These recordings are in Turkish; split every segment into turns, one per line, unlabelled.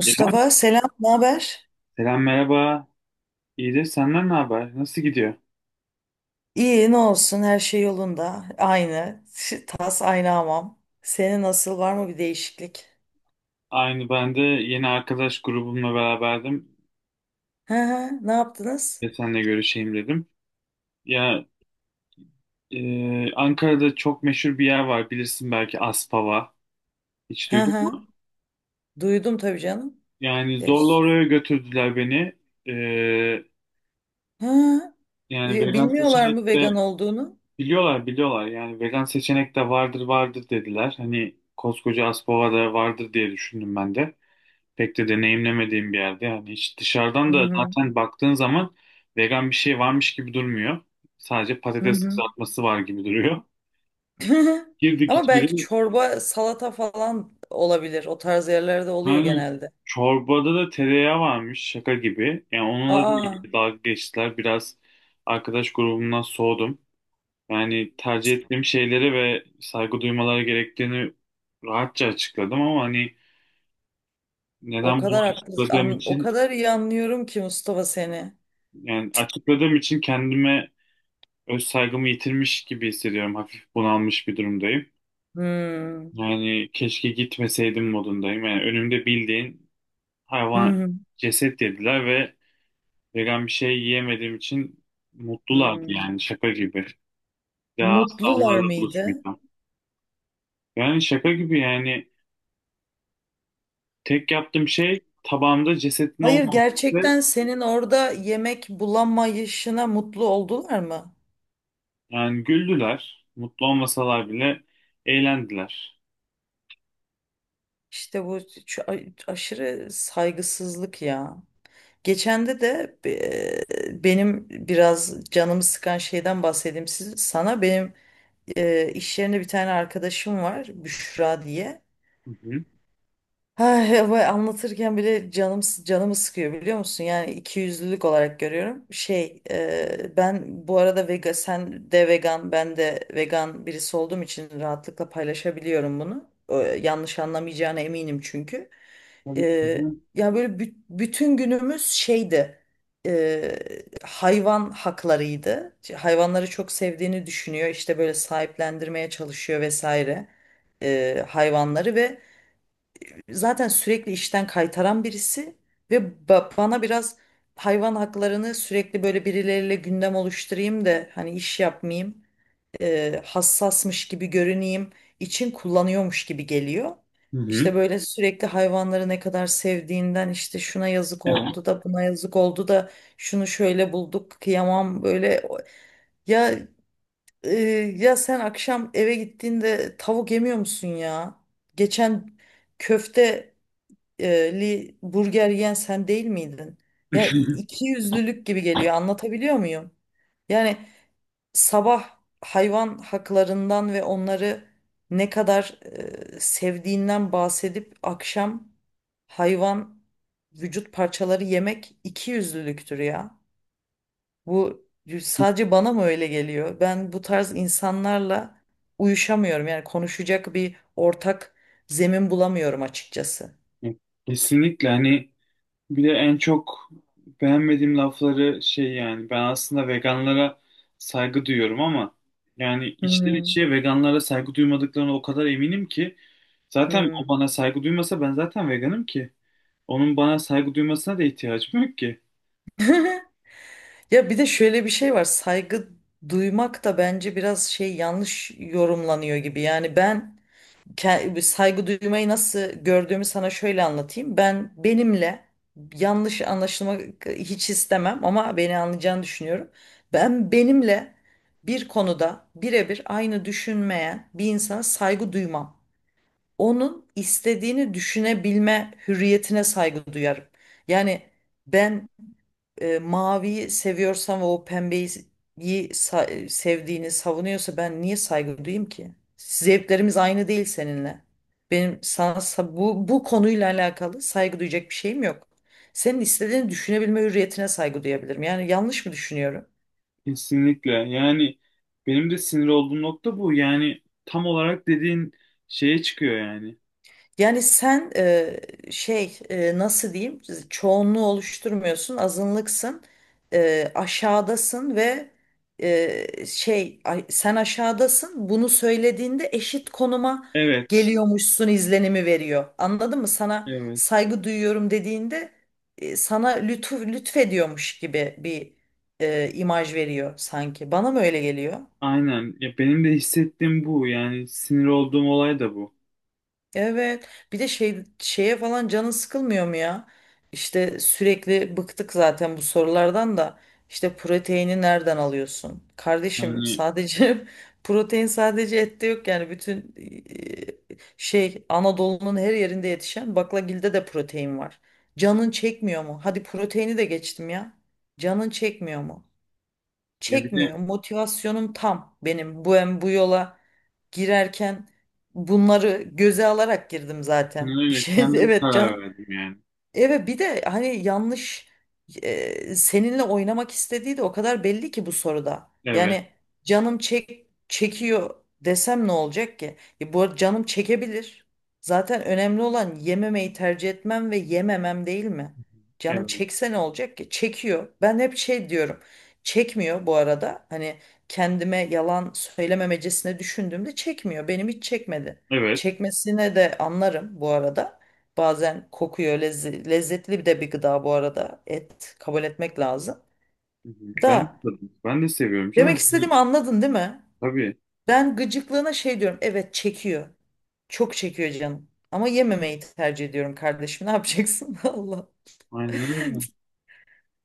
İrem,
selam, ne haber?
selam merhaba. İyidir, senden ne haber? Nasıl gidiyor?
İyi, ne olsun, her şey yolunda. Aynı. Tas aynı hamam. Senin nasıl, var mı bir değişiklik?
Aynı ben de yeni arkadaş grubumla beraberdim
Hı hı, ne yaptınız?
ve seninle görüşeyim dedim. Ya, Ankara'da çok meşhur bir yer var bilirsin belki Aspava. Hiç
Hı
duydun mu?
hı, duydum tabii canım.
Yani
E,
zorla
s-
oraya götürdüler beni. E,
Hı.
yani vegan
Bilmiyorlar
seçenek
mı
de
vegan olduğunu?
biliyorlar biliyorlar. Yani vegan seçenek de vardır vardır dediler. Hani koskoca Aspava'da vardır diye düşündüm ben de. Pek de deneyimlemediğim bir yerde yani hiç dışarıdan
Hı
da
hı,
zaten baktığın zaman vegan bir şey varmış gibi durmuyor. Sadece
hı
patates
hı.
kızartması var gibi duruyor. Girdik
Ama belki
içeri
çorba, salata falan olabilir. O tarz yerlerde oluyor
yani
genelde.
çorbada da tereyağı varmış şaka gibi. Yani onunla da
Aa,
ilgili dalga geçtiler. Biraz arkadaş grubumdan soğudum. Yani tercih ettiğim şeylere ve saygı duymaları gerektiğini rahatça açıkladım ama hani
o
neden bunu
kadar haklı,
açıkladığım
o
için
kadar iyi anlıyorum ki Mustafa seni.
yani açıkladığım için kendime öz saygımı yitirmiş gibi hissediyorum. Hafif bunalmış bir durumdayım.
Hmm.
Yani keşke gitmeseydim modundayım. Yani önümde bildiğin
Hı
hayvan
hı.
ceset dediler ve vegan bir şey yiyemediğim için mutlulardı
Hmm.
yani şaka gibi. Daha asla
Mutlular
onlarla
mıydı?
buluşmayacağım. Yani şaka gibi yani tek yaptığım şey tabağımda cesetin
Hayır,
olmaması.
gerçekten senin orada yemek bulamayışına mutlu oldular mı?
Yani güldüler. Mutlu olmasalar bile eğlendiler.
İşte bu aşırı saygısızlık ya. Geçende de benim biraz canımı sıkan şeyden bahsedeyim sana. Benim iş yerinde bir tane arkadaşım var, Büşra diye.
Hı hı.
Ay, bu anlatırken bile canım canımı sıkıyor biliyor musun? Yani ikiyüzlülük olarak görüyorum. Ben bu arada vegan, sen de vegan, ben de vegan birisi olduğum için rahatlıkla paylaşabiliyorum bunu. Yanlış anlamayacağına eminim çünkü. E,
Tabii ki de.
Ya böyle bütün günümüz şeydi. e, Hayvan haklarıydı. Hayvanları çok sevdiğini düşünüyor. İşte böyle sahiplendirmeye çalışıyor vesaire. Hayvanları ve zaten sürekli işten kaytaran birisi ve bana biraz hayvan haklarını sürekli böyle birileriyle gündem oluşturayım da hani iş yapmayayım, hassasmış gibi görüneyim için kullanıyormuş gibi geliyor.
Hı
İşte
hı.
böyle sürekli hayvanları ne kadar sevdiğinden işte şuna yazık
Evet.
oldu da buna yazık oldu da şunu şöyle bulduk kıyamam böyle ya, e, ya sen akşam eve gittiğinde tavuk yemiyor musun ya? Geçen köfte li burger yiyen sen değil miydin? Ya iki yüzlülük gibi geliyor. Anlatabiliyor muyum? Yani sabah hayvan haklarından ve onları ne kadar sevdiğinden bahsedip akşam hayvan vücut parçaları yemek iki yüzlülüktür ya. Bu sadece bana mı öyle geliyor? Ben bu tarz insanlarla uyuşamıyorum. Yani konuşacak bir ortak zemin bulamıyorum açıkçası.
Ya, kesinlikle hani bir de en çok beğenmediğim lafları şey yani ben aslında veganlara saygı duyuyorum ama yani içten
Hmm.
içe veganlara saygı duymadıklarına o kadar eminim ki zaten o
Hmm.
bana saygı duymasa ben zaten veganım ki onun bana saygı duymasına da ihtiyacım yok ki.
Ya bir de şöyle bir şey var. Saygı duymak da bence biraz yanlış yorumlanıyor gibi. Yani ben saygı duymayı nasıl gördüğümü sana şöyle anlatayım. Ben benimle yanlış anlaşılmak hiç istemem ama beni anlayacağını düşünüyorum. Ben benimle bir konuda birebir aynı düşünmeyen bir insana saygı duymam. Onun istediğini düşünebilme hürriyetine saygı duyarım. Yani ben maviyi seviyorsan ve o pembeyi sevdiğini savunuyorsa ben niye saygı duyayım ki? Zevklerimiz aynı değil seninle. Benim sana bu konuyla alakalı saygı duyacak bir şeyim yok. Senin istediğini düşünebilme hürriyetine saygı duyabilirim. Yani yanlış mı düşünüyorum?
Kesinlikle yani benim de sinir olduğum nokta bu yani tam olarak dediğin şeye çıkıyor yani.
Yani sen, nasıl diyeyim, çoğunluğu oluşturmuyorsun, azınlıksın, aşağıdasın. Ve sen aşağıdasın bunu söylediğinde eşit konuma
Evet,
geliyormuşsun izlenimi veriyor, anladın mı? Sana
evet.
saygı duyuyorum dediğinde sana lütfediyormuş gibi bir imaj veriyor sanki, bana mı öyle geliyor?
Aynen. Ya benim de hissettiğim bu. Yani sinir olduğum olay da bu.
Evet. Bir de şeye falan canın sıkılmıyor mu ya? İşte sürekli bıktık zaten bu sorulardan da. İşte proteini nereden alıyorsun? Kardeşim,
Hani
sadece protein sadece ette yok yani bütün Anadolu'nun her yerinde yetişen baklagilde de protein var. Canın çekmiyor mu? Hadi proteini de geçtim ya. Canın çekmiyor mu?
ya bir de
Çekmiyor. Motivasyonum tam benim. Bu hem bu yola girerken bunları göze alarak girdim
aynen
zaten. Bir
öyle
şey.
kendim
Evet,
karar verdim yani.
evet, bir de hani yanlış seninle oynamak istediği de o kadar belli ki bu soruda.
Evet.
Yani canım çekiyor desem ne olacak ki? Bu arada canım çekebilir. Zaten önemli olan yememeyi tercih etmem ve yememem değil mi? Canım
Evet.
çekse ne olacak ki? Çekiyor. Ben hep şey diyorum. Çekmiyor bu arada. Hani kendime yalan söylememecesine düşündüğümde çekmiyor. Benim hiç çekmedi.
Evet.
Çekmesine de anlarım bu arada. Bazen kokuyor. Lezzetli bir de bir gıda bu arada. Et, kabul etmek lazım.
Hı hı. Ben de
Da
tadım. Ben de seviyorum
Demek
canım. Hani,
istediğimi anladın değil mi?
tabii.
Ben gıcıklığına şey diyorum. Evet çekiyor. Çok çekiyor canım. Ama yememeyi tercih ediyorum kardeşim. Ne yapacaksın? Allah.
Aynen öyle.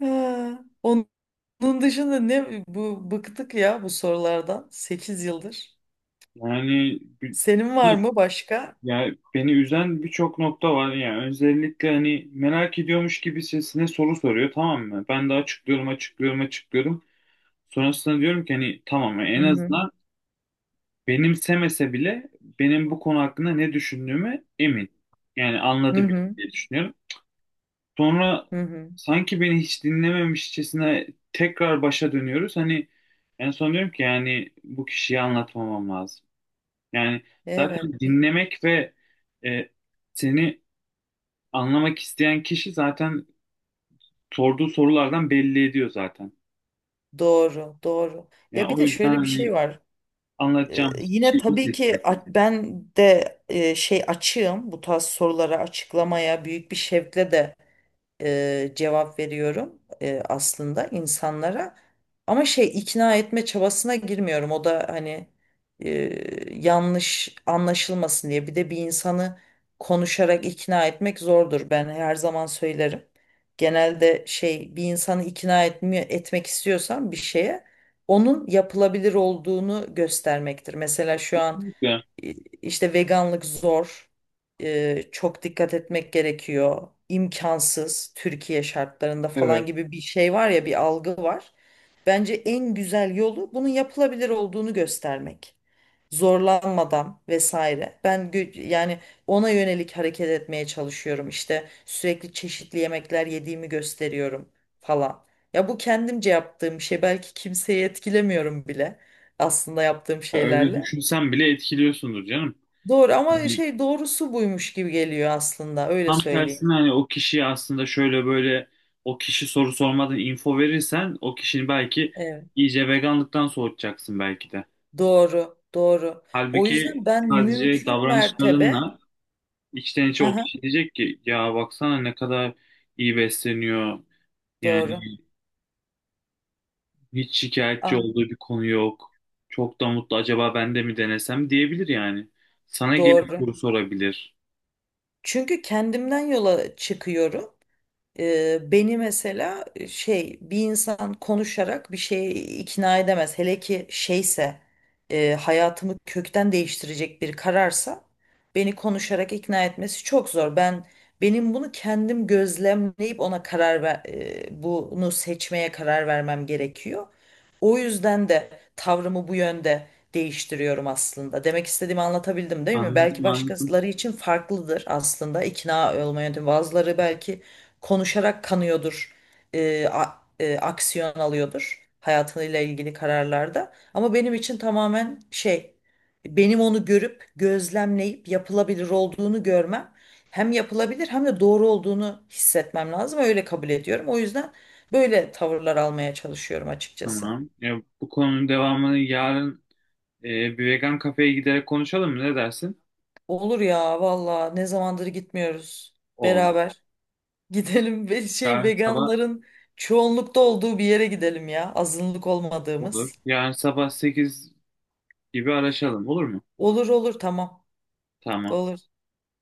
Ha, onun dışında ne bu, bıktık ya bu sorulardan. 8 yıldır.
Yani
Senin var
bir-
mı başka?
ya beni üzen birçok nokta var. Yani özellikle hani merak ediyormuş gibi sesine soru soruyor tamam mı? Ben de açıklıyorum. Sonrasında diyorum ki hani tamam
Hı
en
hı.
azından benimsemese bile benim bu konu hakkında ne düşündüğümü emin. Yani
Hı
anladı bile
hı.
diye düşünüyorum. Sonra
Hı hı.
sanki beni hiç dinlememişçesine tekrar başa dönüyoruz. Hani en son diyorum ki yani bu kişiyi anlatmamam lazım. Yani
Evet.
zaten dinlemek ve e, seni anlamak isteyen kişi zaten sorduğu sorulardan belli ediyor zaten.
Doğru, doğru.
Yani
Ya bir
o
de
yüzden
şöyle bir
hani
şey var.
anlatacağım
Yine
şey ilk
tabii ki
ettik
ben de açığım bu tarz sorulara, açıklamaya büyük bir şevkle de cevap veriyorum aslında insanlara. Ama ikna etme çabasına girmiyorum. O da hani e, yanlış anlaşılmasın diye. Bir de bir insanı konuşarak ikna etmek zordur. Ben her zaman söylerim. Genelde bir insanı ikna etmek istiyorsan bir şeye, onun yapılabilir olduğunu göstermektir. Mesela şu an
de
işte veganlık zor. Çok dikkat etmek gerekiyor. İmkansız Türkiye şartlarında falan
evet.
gibi bir şey var ya, bir algı var. Bence en güzel yolu, bunun yapılabilir olduğunu göstermek. Zorlanmadan vesaire. Ben yani ona yönelik hareket etmeye çalışıyorum. İşte sürekli çeşitli yemekler yediğimi gösteriyorum falan. Ya bu kendimce yaptığım bir şey. Belki kimseyi etkilemiyorum bile aslında yaptığım
Ya öyle
şeylerle.
düşünsen bile etkiliyorsundur canım.
Doğru ama
Hani
doğrusu buymuş gibi geliyor aslında, öyle
tam
söyleyeyim.
tersine hani o kişiye aslında şöyle böyle o kişi soru sormadan info verirsen o kişinin belki
Evet.
iyice veganlıktan soğutacaksın belki de.
Doğru, doğru. O
Halbuki
yüzden ben
sadece
mümkün mertebe,
davranışlarınla içten içe o
aha,
kişi diyecek ki ya baksana ne kadar iyi besleniyor. Yani
doğru,
hiç şikayetçi
ah,
olduğu bir konu yok. Çok da mutlu acaba ben de mi denesem diyebilir yani. Sana gelip
doğru.
soru sorabilir.
Çünkü kendimden yola çıkıyorum. Beni mesela bir insan konuşarak bir şeye ikna edemez. Hele ki şeyse, hayatımı kökten değiştirecek bir kararsa beni konuşarak ikna etmesi çok zor. Ben benim bunu kendim gözlemleyip ona karar bunu seçmeye karar vermem gerekiyor. O yüzden de tavrımı bu yönde değiştiriyorum aslında. Demek istediğimi anlatabildim değil mi? Belki
Anladım anladım.
başkaları için farklıdır aslında ikna olma yöntemi. Bazıları belki konuşarak kanıyordur, aksiyon alıyordur hayatıyla ilgili kararlarda. Ama benim için tamamen benim onu görüp gözlemleyip yapılabilir olduğunu görmem, hem yapılabilir hem de doğru olduğunu hissetmem lazım. Öyle kabul ediyorum. O yüzden böyle tavırlar almaya çalışıyorum açıkçası.
Tamam. Ya, bu konunun devamını yarın bir vegan kafeye giderek konuşalım mı? Ne dersin?
Olur ya valla, ne zamandır gitmiyoruz
Olur.
beraber. Gidelim ve
Yarın sabah
veganların çoğunlukta olduğu bir yere gidelim ya. Azınlık
olur.
olmadığımız.
Yarın sabah 8 gibi araşalım. Olur mu?
Olur olur, tamam.
Tamam.
Olur.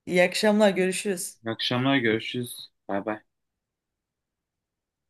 İyi akşamlar, görüşürüz.
İyi akşamlar görüşürüz. Bay bay.